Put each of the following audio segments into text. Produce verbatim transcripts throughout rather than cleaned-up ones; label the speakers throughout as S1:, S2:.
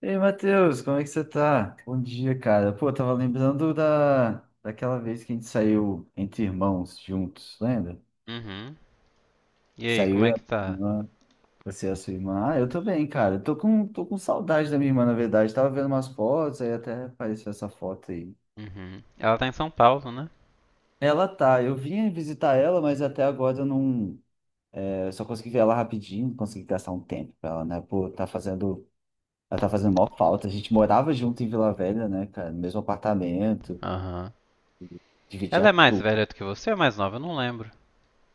S1: Ei, Matheus, como é que você tá? Bom dia, cara. Pô, eu tava lembrando da... daquela vez que a gente saiu entre irmãos juntos, lembra?
S2: Uhum. E
S1: Que
S2: aí,
S1: saiu
S2: como é
S1: eu, a
S2: que
S1: minha
S2: tá?
S1: irmã, você e a sua irmã. Ah, eu tô bem, cara. Eu Tô com... tô com saudade da minha irmã, na verdade. Tava vendo umas fotos, aí até apareceu essa foto aí.
S2: Uhum. Ela tá em São Paulo, né?
S1: Ela tá, eu vim visitar ela, mas até agora eu não. é, Eu só consegui ver ela rapidinho, não consegui gastar um tempo com ela, né? Pô, tá fazendo. Ela tá fazendo maior falta. A gente morava junto em Vila Velha, né, cara? No mesmo apartamento,
S2: Aham. Ela
S1: dividia
S2: é mais
S1: tudo.
S2: velha do que você ou mais nova? Eu não lembro.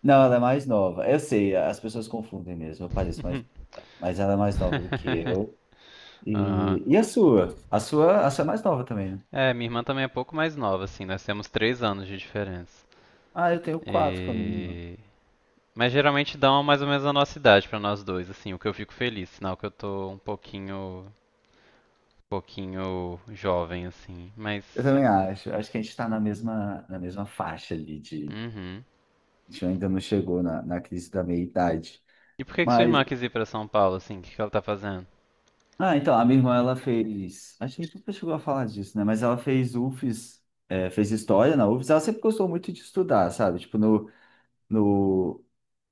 S1: Não, ela é mais nova. Eu sei, as pessoas confundem mesmo, eu pareço mais, mas ela é mais nova do que eu.
S2: Aham.
S1: E, e a sua? A sua, a sua é mais nova também, né?
S2: É, minha irmã também é pouco mais nova, assim. Nós temos três anos de diferença.
S1: Ah, eu tenho quatro com a minha irmã.
S2: E... Mas geralmente dão mais ou menos a nossa idade pra nós dois, assim. O que eu fico feliz, sinal que eu tô um pouquinho, pouquinho jovem, assim. Mas
S1: Eu também acho. Acho que a gente está na mesma, na mesma faixa ali de.
S2: uhum.
S1: A gente ainda não chegou na, na crise da meia-idade.
S2: E por que que sua
S1: Mas.
S2: irmã quis ir pra São Paulo, assim? O que que ela tá fazendo?
S1: Ah, então, a minha irmã, ela fez. Acho que a gente nunca chegou a falar disso, né? Mas ela fez UFES, é, fez história na UFES. Ela sempre gostou muito de estudar, sabe? Tipo, no, no,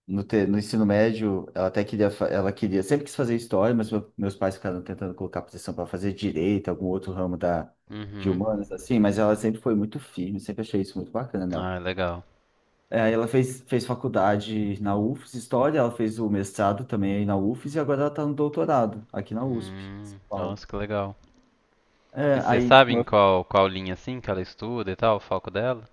S1: No, te- no ensino médio, ela até queria, fa- ela queria, sempre quis fazer história, mas meu- meus pais ficaram tentando colocar posição para fazer direito, algum outro ramo da, de
S2: Uhum.
S1: humanas, assim, mas ela sempre foi muito firme, sempre achei isso muito bacana nela.
S2: Ah, legal.
S1: É, aí ela fez, fez faculdade na UFES, história, ela fez o mestrado também aí na UFES e agora ela está no doutorado aqui na USP, em São
S2: Hum, nossa,
S1: Paulo.
S2: que legal.
S1: É,
S2: E vocês
S1: aí, tipo,
S2: sabem
S1: eu
S2: qual, qual linha assim que ela estuda e tal, o foco dela?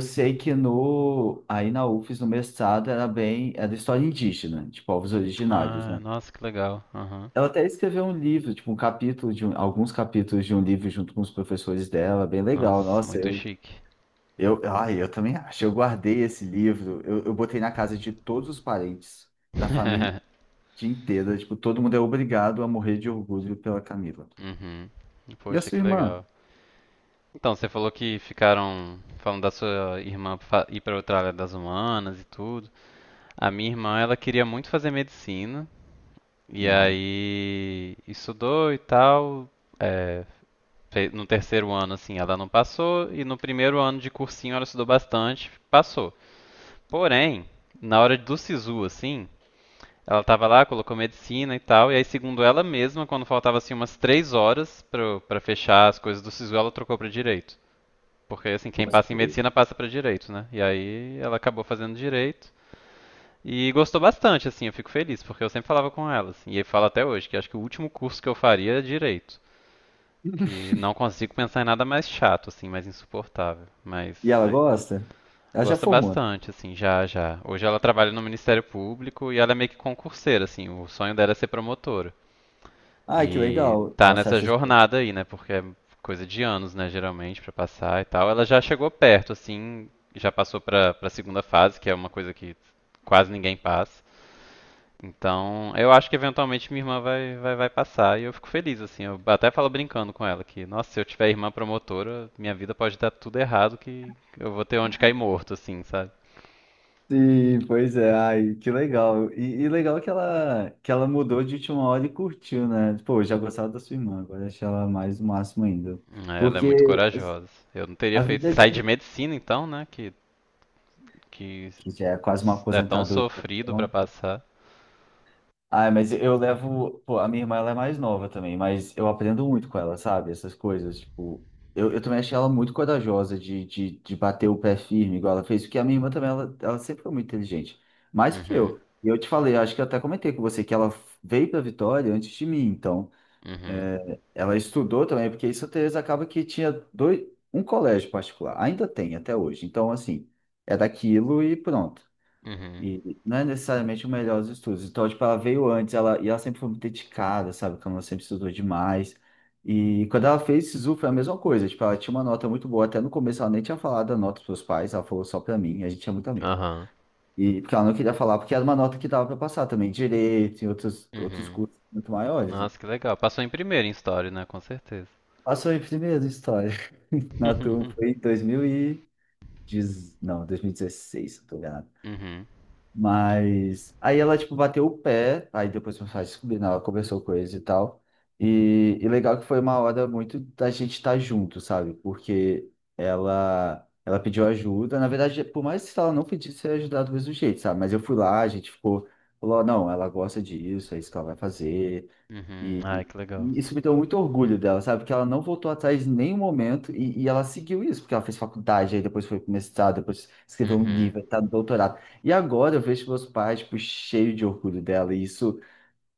S1: sei que no, aí na UFES, no mestrado, era bem, era história indígena, de povos originários,
S2: Ah,
S1: né?
S2: nossa, que legal. Aham.
S1: Ela até escreveu um livro, tipo, um capítulo de um- alguns capítulos de um livro junto com os professores dela, bem legal.
S2: Nossa,
S1: Nossa,
S2: muito
S1: eu,
S2: chique.
S1: eu, ai, eu também acho. Eu guardei esse livro, eu, eu botei na casa de todos os parentes da família inteira. Tipo, todo mundo é obrigado a morrer de orgulho pela Camila.
S2: Uhum.
S1: E a
S2: Poxa,
S1: sua
S2: que
S1: irmã?
S2: legal. Então, você falou que ficaram falando da sua irmã fa- ir para outra área das humanas e tudo. A minha irmã, ela queria muito fazer medicina e
S1: Uhum.
S2: aí estudou e tal, é, Fe- No terceiro ano, assim, ela não passou, e no primeiro ano de cursinho ela estudou bastante, passou. Porém, na hora do SISU, assim, ela tava lá, colocou medicina e tal, e aí, segundo ela mesma, quando faltava, assim, umas três horas pro- pra fechar as coisas do SISU, ela trocou pra direito. Porque, assim, quem passa em
S1: Gostei.
S2: medicina passa pra direito, né? E aí ela acabou fazendo direito. E gostou bastante, assim, eu fico feliz, porque eu sempre falava com ela, assim, e eu falo até hoje, que acho que o último curso que eu faria é direito. Que não consigo pensar em nada mais chato, assim, mais insuportável. Mas
S1: E ela gosta? Ela já
S2: gosta
S1: formou, né?
S2: bastante, assim, já, já. Hoje ela trabalha no Ministério Público e ela é meio que concurseira, assim. O sonho dela é ser promotora.
S1: Ai, que
S2: E
S1: legal.
S2: tá
S1: Ela se
S2: nessa
S1: acha.
S2: jornada aí, né? Porque é coisa de anos, né, geralmente, pra passar e tal. Ela já chegou perto, assim, já passou pra, pra segunda fase, que é uma coisa que quase ninguém passa. Então, eu acho que eventualmente minha irmã vai, vai, vai passar e eu fico feliz, assim. Eu até falo brincando com ela que, nossa, se eu tiver irmã promotora, minha vida pode dar tudo errado que eu vou ter onde cair morto, assim, sabe?
S1: Sim, pois é, ai, que legal. E, e legal que ela, que ela mudou de última hora e curtiu, né? Pô, eu já gostava da sua irmã, agora achei ela mais o máximo ainda.
S2: Ela é
S1: Porque
S2: muito corajosa. Eu não teria
S1: a
S2: feito
S1: vida já,
S2: sair de medicina, então, né? Que, que
S1: que já é quase uma
S2: é tão
S1: aposentadoria.
S2: sofrido pra
S1: Então,
S2: passar.
S1: ah, mas eu levo. Pô, a minha irmã ela é mais nova também, mas eu aprendo muito com ela, sabe? Essas coisas. Tipo, eu, eu também achei ela muito corajosa de, de, de bater o pé firme, igual ela fez, porque a minha irmã também, ela, ela sempre foi muito inteligente, mais que
S2: Uhum,
S1: eu. E eu te falei, acho que eu até comentei com você que ela veio para Vitória antes de mim, então
S2: uhum,
S1: é, ela estudou também, porque em Santa Teresa acaba que tinha dois, um colégio particular, ainda tem até hoje. Então, assim, é daquilo e pronto.
S2: uhum,
S1: E não é necessariamente o melhor dos estudos. Então, tipo, ela veio antes, ela, e ela sempre foi muito dedicada, sabe? Como ela sempre estudou demais. E quando ela fez SISU, foi a mesma coisa. Tipo, ela tinha uma nota muito boa. Até no começo, ela nem tinha falado a nota pros pais, ela falou só pra mim. A gente é muito amigo.
S2: aham,
S1: E porque ela não queria falar, porque era uma nota que dava pra passar também, direito e outros, outros
S2: uhum.
S1: cursos muito maiores, né?
S2: Nossa, que legal. Passou em primeiro em história, né? Com certeza.
S1: Passou em primeiro em história na turma, foi em 2000 e... dez- Não, dois mil e dezesseis, se eu tô enganado.
S2: Uhum,
S1: Mas aí ela, tipo, bateu o pé, aí depois meus pais descobriram, ela conversou com eles e tal. E, e legal que foi uma hora muito da gente estar junto, sabe? Porque ela ela pediu ajuda. Na verdade, por mais que ela não pedisse eu ia ajudar do mesmo jeito, sabe? Mas eu fui lá, a gente ficou, falou, não, ela gosta disso, é isso que ela vai fazer.
S2: uhum. Ai,
S1: E
S2: que legal.
S1: e isso me deu muito orgulho dela, sabe? Porque ela não voltou atrás em nenhum momento e, e ela seguiu isso, porque ela fez faculdade, aí depois foi pro mestrado, depois escreveu um
S2: Uhum.
S1: livro, tá no doutorado. E agora eu vejo meus pais, tipo, cheios de orgulho dela. E isso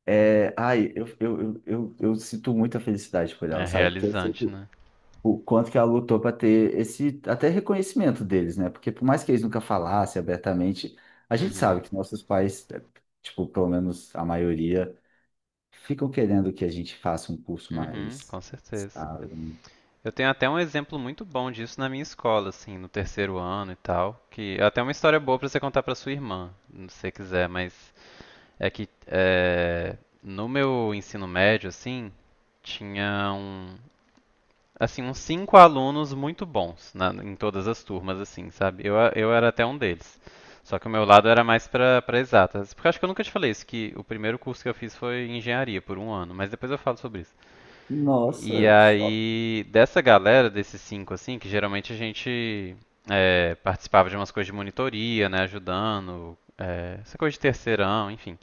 S1: é. Ai, eu, eu, eu, eu, eu sinto muita felicidade por
S2: É
S1: ela, sabe? Porque eu sei
S2: realizante,
S1: o
S2: né?
S1: o quanto que ela lutou para ter esse até reconhecimento deles, né? Porque por mais que eles nunca falassem abertamente, a gente sabe
S2: Uhum.
S1: que nossos pais, é, tipo, pelo menos a maioria ficam querendo que a gente faça um curso
S2: Uhum,
S1: mais
S2: com certeza.
S1: estável.
S2: Eu tenho até um exemplo muito bom disso na minha escola, assim, no terceiro ano e tal, que é até uma história boa pra você contar pra sua irmã, se você quiser, mas é que é, no meu ensino médio, assim, tinha um, assim, uns cinco alunos muito bons na- em todas as turmas, assim, sabe? Eu, a- eu era até um deles. Só que o meu lado era mais pra para exatas. Porque eu acho que eu nunca te falei isso, que o primeiro curso que eu fiz foi engenharia por um ano, mas depois eu falo sobre isso. E
S1: Nossa, choque.
S2: aí, dessa galera, desses cinco, assim, que geralmente a gente é, participava de umas coisas de monitoria, né, ajudando, é, essa coisa de terceirão, enfim.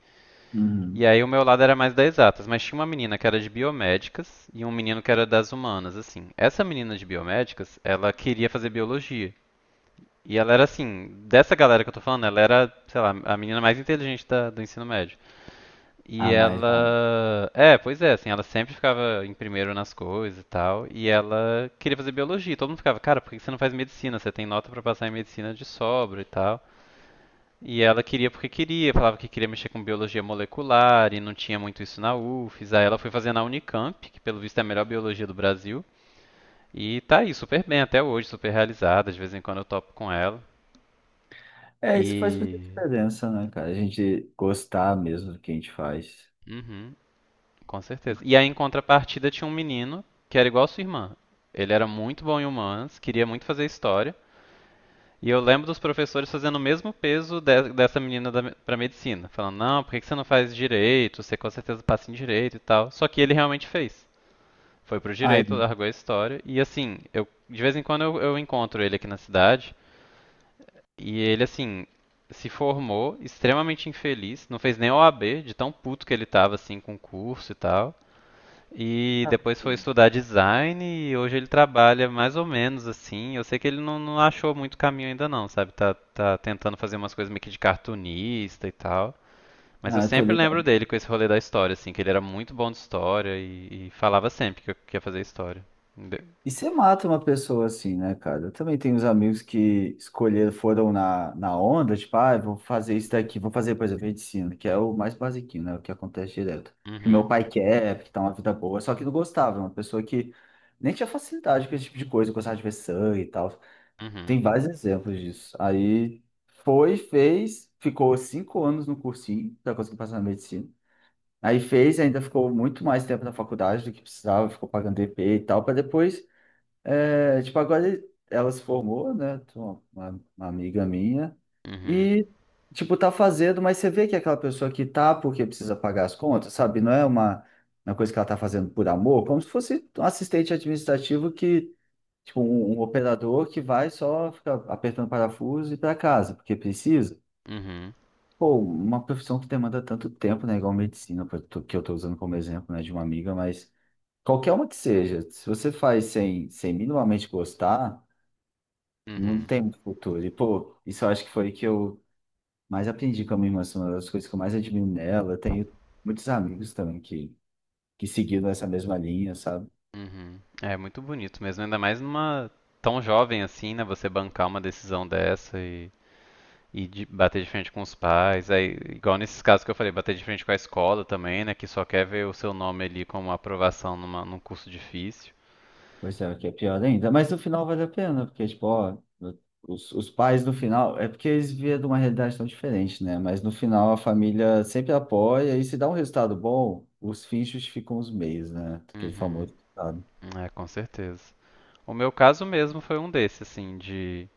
S2: E
S1: Uhum.
S2: aí o meu lado era mais das exatas, mas tinha uma menina que era de biomédicas e um menino que era das humanas, assim. Essa menina de biomédicas, ela queria fazer biologia. E ela era assim, dessa galera que eu tô falando, ela era, sei lá, a menina mais inteligente da- do ensino médio. E
S1: Ah, mais, mais.
S2: ela. É, pois é, assim, ela sempre ficava em primeiro nas coisas e tal. E ela queria fazer biologia. Todo mundo ficava, cara, por que você não faz medicina? Você tem nota pra passar em medicina de sobra e tal. E ela queria porque queria, falava que queria mexer com biologia molecular e não tinha muito isso na UFES. Aí ela foi fazer na Unicamp, que pelo visto é a melhor biologia do Brasil. E tá aí, super bem até hoje, super realizada. De vez em quando eu topo com ela.
S1: É, isso faz muita
S2: E.
S1: diferença, né, cara? A gente gostar mesmo do que a gente faz.
S2: Uhum, com certeza. E aí, em contrapartida, tinha um menino que era igual a sua irmã. Ele era muito bom em humanas, queria muito fazer história. E eu lembro dos professores fazendo o mesmo peso de- dessa menina da, pra medicina. Falando, não, por que que você não faz direito? Você com certeza passa em direito e tal. Só que ele realmente fez. Foi pro
S1: Ai,
S2: direito, largou a história. E assim, eu, de vez em quando eu, eu encontro ele aqui na cidade. E ele, assim, se formou extremamente infeliz. Não fez nem O A B, de tão puto que ele tava, assim, com o curso e tal. E
S1: tá
S2: depois foi
S1: bom.
S2: estudar design e hoje ele trabalha mais ou menos assim. Eu sei que ele não, não achou muito caminho ainda não, sabe? Tá, tá tentando fazer umas coisas meio que de cartunista e tal. Mas eu
S1: Ah, eu tô
S2: sempre lembro
S1: ligado.
S2: dele com esse rolê da história, assim, que ele era muito bom de história e, e falava sempre que eu queria fazer história. De-
S1: E você mata uma pessoa assim, né, cara? Eu também tenho uns amigos que escolheram, foram na, na onda, tipo, ah, eu vou fazer isso daqui, vou fazer, por exemplo, medicina, que é o mais basiquinho, né? O que acontece direto. Que
S2: Uhum,
S1: meu pai quer, que tá uma vida boa, só que não gostava, uma pessoa que nem tinha facilidade com esse tipo de coisa, gostava de ver sangue e tal.
S2: uhum,
S1: Tem vários exemplos disso. Aí foi, fez, ficou cinco anos no cursinho pra conseguir passar na medicina. Aí fez, ainda ficou muito mais tempo na faculdade do que precisava, ficou pagando D P e tal, para depois. É, tipo, agora ela se formou, né? Tem Uma, uma uma amiga minha.
S2: uhum,
S1: E, tipo, tá fazendo, mas você vê que é aquela pessoa que tá porque precisa pagar as contas, sabe? Não é uma, uma coisa que ela tá fazendo por amor, como se fosse um assistente administrativo que, tipo, um, um operador que vai só ficar apertando parafuso e ir pra casa, porque precisa.
S2: uhum,
S1: Pô, uma profissão que demanda tanto tempo, né? Igual medicina, que eu tô que eu tô usando como exemplo, né? De uma amiga, mas qualquer uma que seja, se você faz sem, sem minimamente gostar. Não
S2: uhum,
S1: tem futuro. E, pô, isso eu acho que foi que eu mais aprendi com a minha irmã, assim, uma das coisas que eu mais admiro nela. Eu tenho muitos amigos também que, que seguiram essa mesma linha, sabe?
S2: uhum. É muito bonito mesmo, ainda mais numa tão jovem assim, né? Você bancar uma decisão dessa. E de bater de frente com os pais, aí, igual nesses casos que eu falei, bater de frente com a escola também, né? Que só quer ver o seu nome ali como aprovação numa, num curso difícil.
S1: Pois é, o que é pior ainda. Mas no final vale a pena, porque, tipo, ó, os, os pais no final, é porque eles vieram de uma realidade tão diferente, né? Mas no final a família sempre apoia e se dá um resultado bom, os fins justificam os meios, né? Aquele
S2: Uhum.
S1: famoso, sabe?
S2: É, com certeza. O meu caso mesmo foi um desses, assim, de.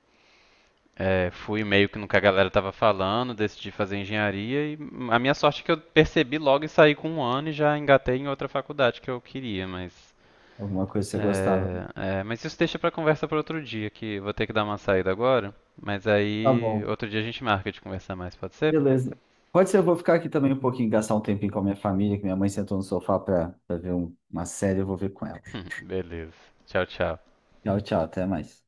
S2: é, fui meio que no que a galera tava falando, decidi fazer engenharia e a minha sorte é que eu percebi logo e saí com um ano e já engatei em outra faculdade que eu queria, mas
S1: Alguma coisa que você gostava.
S2: É, é, mas isso deixa pra conversa pra outro dia, que vou ter que dar uma saída agora. Mas
S1: Tá
S2: aí,
S1: bom.
S2: outro dia a gente marca de conversar mais, pode ser?
S1: Beleza. Pode ser, eu vou ficar aqui também um pouquinho, gastar um tempinho com a minha família, que minha mãe sentou no sofá para ver um- uma série, eu vou ver com ela.
S2: Beleza. Tchau, tchau.
S1: Tchau, tchau, até mais.